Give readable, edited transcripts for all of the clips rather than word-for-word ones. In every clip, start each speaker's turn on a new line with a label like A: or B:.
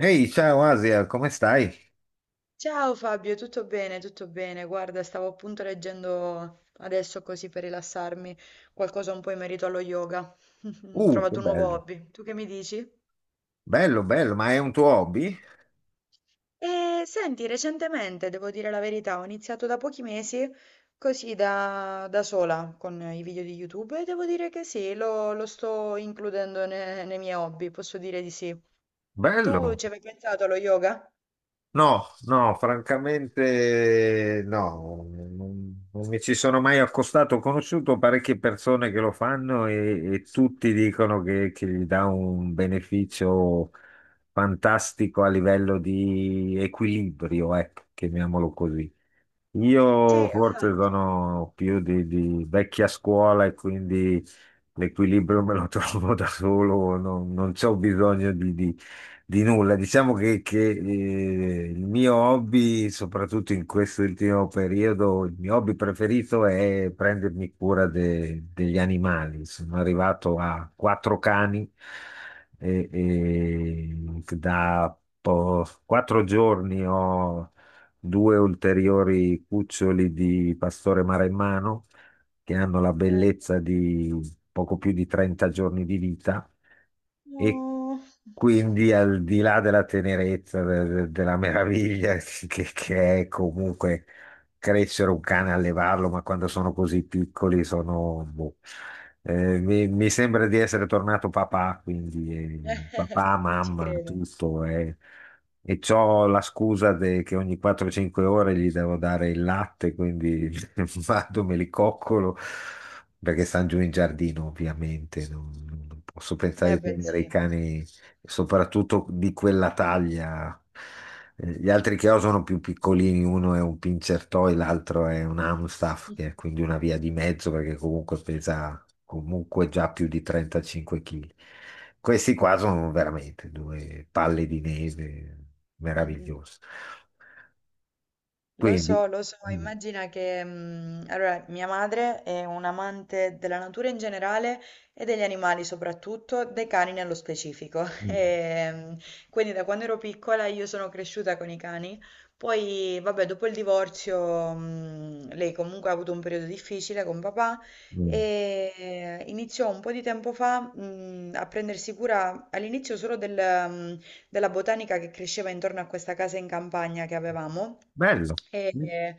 A: Ehi, ciao Asia, come stai?
B: Ciao Fabio, tutto bene, tutto bene. Guarda, stavo appunto leggendo adesso così per rilassarmi qualcosa un po' in merito allo yoga. Ho
A: Che
B: trovato un nuovo
A: bello,
B: hobby. Tu che mi dici?
A: bello, bello, ma è un tuo hobby?
B: E senti, recentemente, devo dire la verità, ho iniziato da pochi mesi così da sola con i video di YouTube e devo dire che sì, lo sto includendo nei miei hobby, posso dire di sì. Tu
A: Bello.
B: ci avevi pensato allo yoga?
A: No, no, francamente no, non mi ci sono mai accostato. Ho conosciuto parecchie persone che lo fanno e tutti dicono che gli dà un beneficio fantastico a livello di equilibrio, ecco, chiamiamolo così.
B: Sì,
A: Io forse
B: esatto.
A: sono più di vecchia scuola e quindi l'equilibrio me lo trovo da solo, non c'ho bisogno di nulla. Diciamo che il mio hobby, soprattutto in questo ultimo periodo, il mio hobby preferito è prendermi cura degli animali. Sono arrivato a quattro cani e da 4 giorni ho due ulteriori cuccioli di pastore maremmano che hanno la
B: Eh,
A: bellezza di poco più di 30 giorni di vita, e
B: no.
A: quindi al di là della tenerezza, della meraviglia che è comunque crescere un cane, allevarlo, ma quando sono così piccoli sono, boh. Mi sembra di essere tornato papà, quindi papà,
B: Ci
A: mamma,
B: credo.
A: tutto. E c'ho la scusa che ogni 4-5 ore gli devo dare il latte, quindi vado, me li coccolo, perché stanno giù in giardino, ovviamente. Non posso
B: Eh
A: pensare di
B: beh,
A: tenere
B: sì.
A: i cani soprattutto di quella taglia. Gli altri che ho sono più piccolini: uno è un pincher toy, l'altro è un Amstaff, che
B: Mh-mh.
A: è quindi una via di mezzo perché comunque pesa comunque già più di 35 kg. Questi qua sono veramente due palle di neve
B: Mh-mh.
A: meravigliose. Quindi,
B: Lo so,
A: mm,
B: immagina che allora, mia madre è un'amante della natura in generale e degli animali soprattutto, dei cani nello specifico.
A: mm,
B: E, quindi da quando ero piccola io sono cresciuta con i cani. Poi, vabbè, dopo il divorzio, lei comunque ha avuto un periodo difficile con papà
A: mm.
B: e iniziò un po' di tempo fa, a prendersi cura all'inizio solo del, mm, della botanica che cresceva intorno a questa casa in campagna che avevamo.
A: bello.
B: E
A: Eh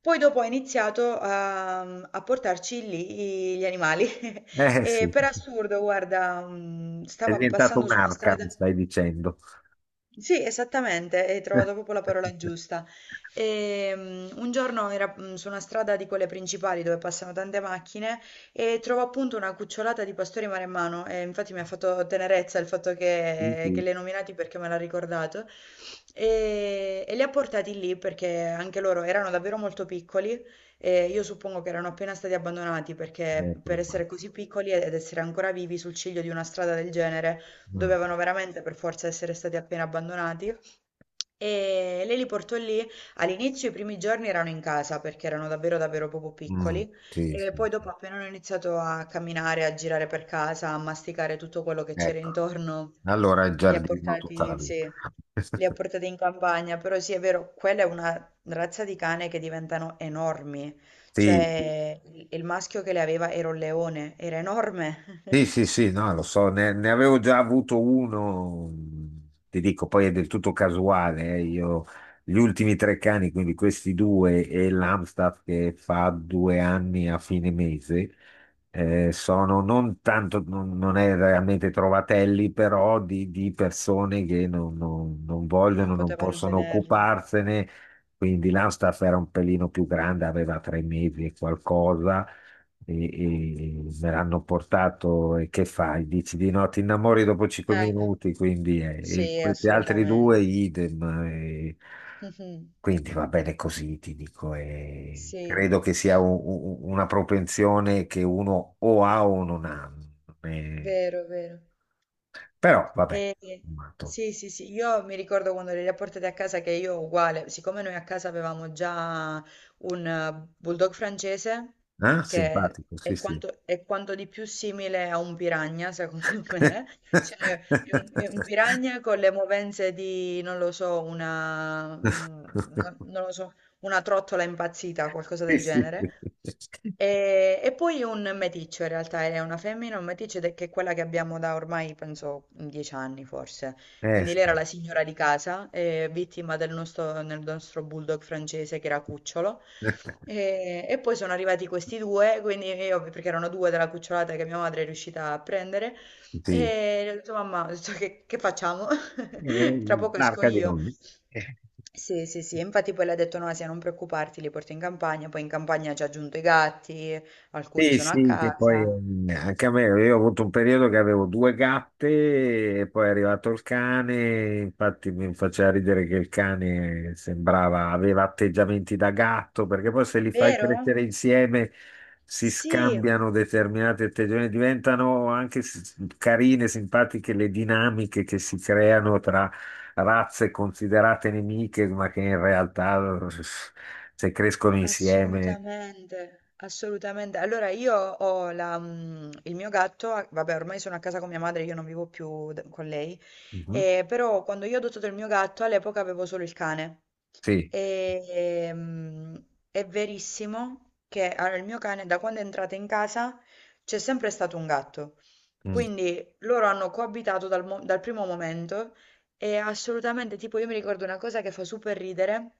B: poi dopo ha iniziato a portarci lì gli animali.
A: eh,
B: E
A: sì,
B: per assurdo, guarda,
A: è
B: stava
A: diventato
B: passando su una
A: un'arca,
B: strada.
A: mi stai dicendo.
B: Sì, esattamente, hai trovato proprio la parola giusta. Un giorno era su una strada di quelle principali dove passano tante macchine e trovo appunto una cucciolata di pastori maremmano e infatti mi ha fatto tenerezza il fatto
A: Sì,
B: che
A: sì,
B: li hai nominati perché me l'ha ricordato e li ha portati lì perché anche loro erano davvero molto piccoli e io suppongo che erano appena stati abbandonati perché
A: è
B: per
A: probabile.
B: essere così piccoli ed essere ancora vivi sul ciglio di una strada del genere dovevano veramente per forza essere stati appena abbandonati. E lei li portò lì. All'inizio, i primi giorni erano in casa perché erano davvero, davvero proprio
A: Mm,
B: piccoli.
A: sì,
B: E
A: sì,
B: poi,
A: sì.
B: dopo, appena hanno iniziato a camminare, a girare per casa, a masticare tutto quello che c'era
A: Ecco,
B: intorno,
A: allora il
B: li ha
A: giardino tutta la
B: portati,
A: vita.
B: sì, li ha portati in campagna. Però, sì, è vero, quella è una razza di cane che diventano enormi.
A: Sì, sì,
B: Cioè, il maschio che le aveva era un leone, era enorme,
A: sì, sì, sì, no, lo so, ne avevo già avuto uno, ti dico, poi è del tutto casuale, io gli ultimi tre cani, quindi questi due e l'Amstaff che fa 2 anni a fine mese, sono non tanto, non- non è realmente trovatelli, però di persone che non
B: non
A: vogliono, non
B: potevano
A: possono
B: tenerli.
A: occuparsene, quindi l'Amstaff era un pelino più grande, aveva 3 mesi e qualcosa e me l'hanno portato, e che fai? Dici di no, ti innamori dopo cinque
B: Eh,
A: minuti, quindi e
B: Sì,
A: questi altri due
B: assolutamente.
A: idem. eh,
B: Mh-mh.
A: quindi va bene così, ti dico. eh,
B: Sì,
A: credo che sia una propensione che uno o ha o non ha. eh,
B: vero, vero.
A: però vabbè,
B: E
A: tutto
B: sì, sì, sì, io mi ricordo quando le li ha portate a casa che io uguale, siccome noi a casa avevamo già un bulldog francese,
A: sommato,
B: che
A: simpatico, sì,
B: è
A: sì.
B: quanto, è quanto di più simile a un piranha, secondo me, cioè è un piranha con le movenze di, non lo so, non lo so, una trottola impazzita, qualcosa
A: Sì,
B: del
A: sì.
B: genere. E poi un meticcio in realtà, è una femmina, un meticcio ed è che è quella che abbiamo da ormai, penso, 10 anni forse. Quindi
A: Sì.
B: lei era la signora di casa, vittima del nostro bulldog francese che era cucciolo. E poi sono arrivati questi due, quindi io, perché erano due della cucciolata che mia madre è riuscita a prendere,
A: Sì.
B: e ho detto, mamma, ho detto, che facciamo?
A: È
B: Tra poco esco
A: un'arca di
B: io.
A: nomi.
B: Sì, sì, sì, e infatti poi le ha detto Nasia non preoccuparti, li porto in campagna, poi in campagna ci ha aggiunto i gatti, alcuni
A: Sì,
B: sono a
A: sì, che poi
B: casa.
A: anche a me, io ho avuto un periodo che avevo due gatte e poi è arrivato il cane, infatti mi faceva ridere che il cane sembrava, aveva atteggiamenti da gatto, perché poi se li fai
B: Vero?
A: crescere insieme si
B: Sì,
A: scambiano determinati atteggiamenti, diventano anche carine, simpatiche le dinamiche che si creano tra razze considerate nemiche, ma che in realtà se crescono insieme.
B: assolutamente, assolutamente. Allora io ho il mio gatto, vabbè ormai sono a casa con mia madre, io non vivo più con lei,
A: Mhm,
B: però quando io ho adottato il mio gatto all'epoca avevo solo il cane.
A: sì.
B: E, ehm, è verissimo che allora, il mio cane, da quando è entrato in casa, c'è sempre stato un gatto. Quindi loro hanno coabitato dal primo momento e assolutamente, tipo, io mi ricordo una cosa che fa super ridere,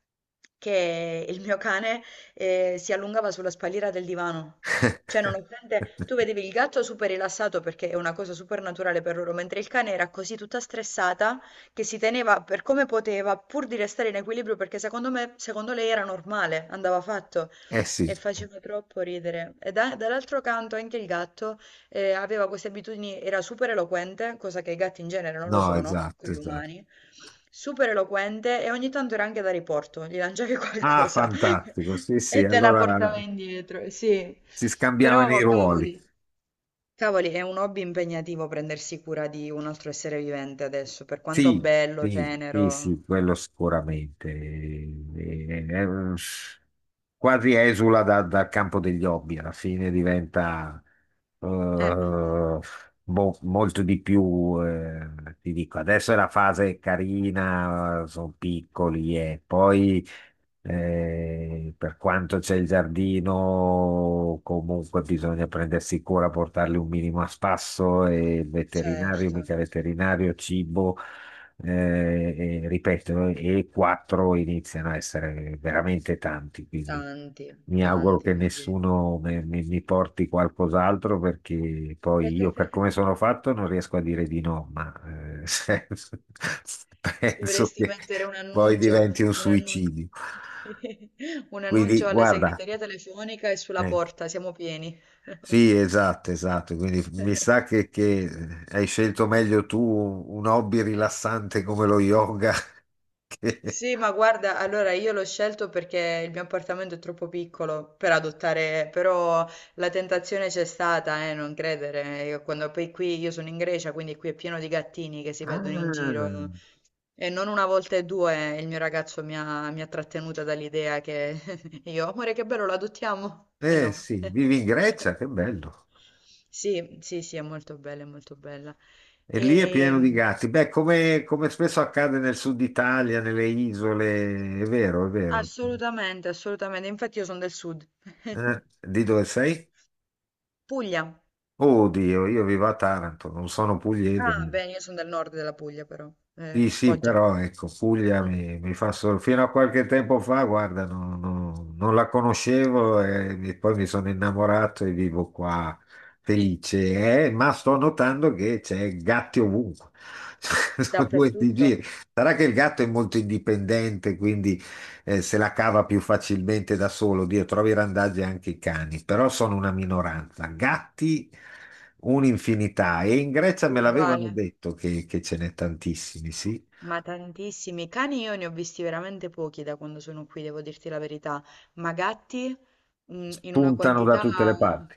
B: che il mio cane si allungava sulla spalliera del divano. Cioè, nonostante tu vedevi il gatto super rilassato perché è una cosa super naturale per loro, mentre il cane era così tutta stressata che si teneva per come poteva, pur di restare in equilibrio, perché secondo me, secondo lei era normale, andava fatto
A: Eh sì,
B: e faceva troppo ridere. E dall'altro canto anche il gatto aveva queste abitudini, era super eloquente, cosa che i gatti in genere non lo
A: no,
B: sono,
A: esatto,
B: quelli
A: esatto.
B: umani. Super eloquente e ogni tanto era anche da riporto, gli lanciavi
A: Ah,
B: qualcosa
A: fantastico, sì, sì,
B: e te la
A: allora
B: portava indietro, sì.
A: si scambiavano i
B: Però,
A: ruoli.
B: cavoli. Cavoli, è un hobby impegnativo prendersi cura di un altro essere vivente adesso, per quanto
A: Sì,
B: bello,
A: sì, sì,
B: tenero.
A: sì, quello sicuramente. Quasi esula dal campo degli hobby, alla fine diventa
B: Eh,
A: eh, boh, molto di più. Ti dico, adesso è la fase carina, sono piccoli e poi. Per quanto c'è il giardino, comunque bisogna prendersi cura, portarli un minimo a spasso e il veterinario,
B: certo,
A: mica veterinario, cibo, e, ripeto, e quattro iniziano a essere veramente tanti, quindi
B: tanti,
A: mi auguro
B: tanti.
A: che
B: Vabbè.
A: nessuno mi porti qualcos'altro perché poi io per come sono fatto non riesco a dire di no, ma eh, penso
B: Dovresti
A: che
B: mettere
A: poi diventi un
B: un annuncio,
A: suicidio.
B: un
A: Quindi,
B: annuncio alla
A: guarda,
B: segreteria telefonica e sulla
A: eh,
B: porta, siamo pieni.
A: sì, esatto, esatto. Quindi mi sa che hai scelto meglio tu un hobby rilassante come lo yoga. che-
B: Sì, ma guarda, allora io l'ho scelto perché il mio appartamento è troppo piccolo per adottare, però la tentazione c'è stata, non credere. Io Quando poi qui io sono in Grecia, quindi qui è pieno di gattini che si vedono in
A: Ah,
B: giro e non una volta e due il mio ragazzo mi ha trattenuta dall'idea che io, amore, che bello, lo adottiamo? E
A: eh
B: no.
A: sì, vivi in Grecia, che bello.
B: Sì, sì, sì, è molto bella, è molto bella.
A: E lì è pieno di
B: E,
A: gatti. Beh, come spesso accade nel sud Italia, nelle isole, è vero, è vero.
B: assolutamente, assolutamente. Infatti io sono del sud.
A: Eh, di dove sei?
B: Puglia.
A: Oddio, io vivo a Taranto, non sono pugliese.
B: Ah, beh, io sono del nord della Puglia però,
A: Sì, sì,
B: Foggia.
A: però ecco, Puglia
B: Mh.
A: mi fa solo. Fino a qualche tempo fa, guarda, non la conoscevo, e poi mi sono innamorato e vivo qua felice, ma sto notando che c'è gatti ovunque. Sono due di giri.
B: Dappertutto,
A: Sarà che il gatto è molto indipendente, quindi se la cava più facilmente da solo. Dio, trovi randaggi anche i cani, però sono una minoranza. Gatti un'infinità, e in Grecia me l'avevano
B: uguale.
A: detto che ce n'è tantissimi, sì.
B: Ma tantissimi cani io ne ho visti veramente pochi da quando sono qui, devo dirti la verità, ma gatti in una
A: Spuntano da
B: quantità
A: tutte le parti.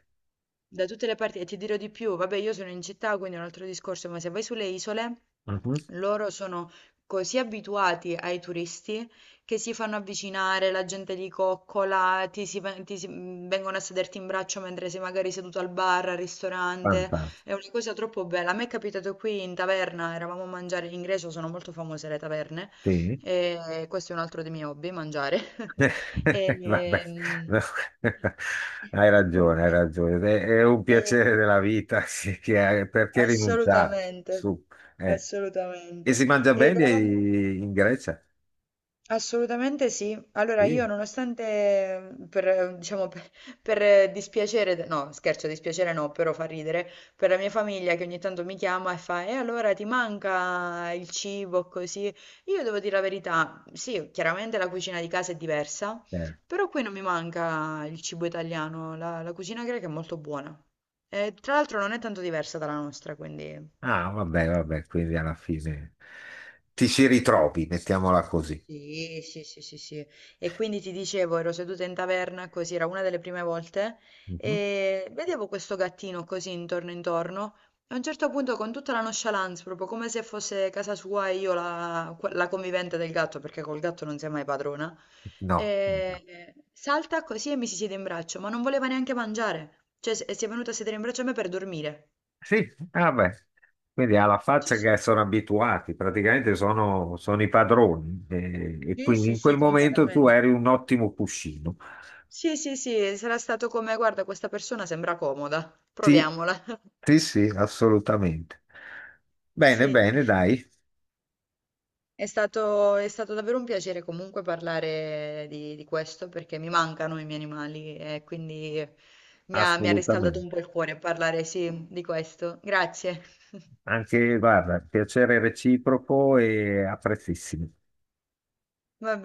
B: da tutte le parti e ti dirò di più, vabbè io sono in città quindi è un altro discorso, ma se vai sulle isole
A: Mhm.
B: loro sono così abituati ai turisti che si fanno avvicinare, la gente li coccola, vengono a sederti in braccio mentre sei magari seduto al bar, al ristorante.
A: Fantastico.
B: È una cosa troppo bella. A me è capitato qui in taverna, eravamo a mangiare in Grecia, sono molto famose le taverne,
A: Sì.
B: e questo è un altro dei miei hobby, mangiare.
A: Vabbè,
B: E,
A: no. Hai
B: ehm,
A: ragione, hai ragione. È un
B: e-
A: piacere della vita, sì, perché rinunciarci?
B: assolutamente,
A: Su. eh. E
B: assolutamente.
A: si mangia
B: Ed
A: bene
B: eravamo...
A: in Grecia?
B: Assolutamente sì. Allora io
A: Sì.
B: nonostante per, diciamo, per dispiacere, no scherzo, dispiacere no, però fa ridere, per la mia famiglia che ogni tanto mi chiama e fa, e allora ti manca il cibo così? Io devo dire la verità, sì, chiaramente la cucina di casa è diversa,
A: eh.
B: però qui non mi manca il cibo italiano, la cucina greca è molto buona. E, tra l'altro non è tanto diversa dalla nostra, quindi...
A: Ah, vabbè, vabbè, quindi alla fine ti ci ritrovi, mettiamola così.
B: Sì, sì, sì, sì, sì. E quindi ti dicevo, ero seduta in taverna, così era una delle prime volte,
A: Mhm.
B: e vedevo questo gattino così intorno intorno. E a un certo punto, con tutta la nonchalance, proprio come se fosse casa sua e io la convivente del gatto, perché col gatto non sei mai padrona,
A: No.
B: salta così e mi si siede in braccio, ma non voleva neanche mangiare. Cioè, si è venuta a sedere in braccio a me per dormire.
A: Sì, vabbè. Quindi alla
B: Sì,
A: faccia
B: sì.
A: che sono abituati, praticamente sono i padroni. E,
B: Sì,
A: quindi
B: sì,
A: in
B: sì,
A: quel momento tu
B: completamente.
A: eri un ottimo cuscino.
B: Sì, sì, sì, sarà stato come, guarda, questa persona sembra comoda,
A: Sì,
B: proviamola.
A: sì, sì, assolutamente. Bene,
B: Sì,
A: bene, dai,
B: è stato davvero un piacere comunque parlare di questo perché mi mancano i miei animali e quindi mi ha riscaldato un po'
A: assolutamente.
B: il cuore parlare, sì, di questo. Grazie.
A: Anche, guarda, piacere reciproco e apprezzissimo.
B: Va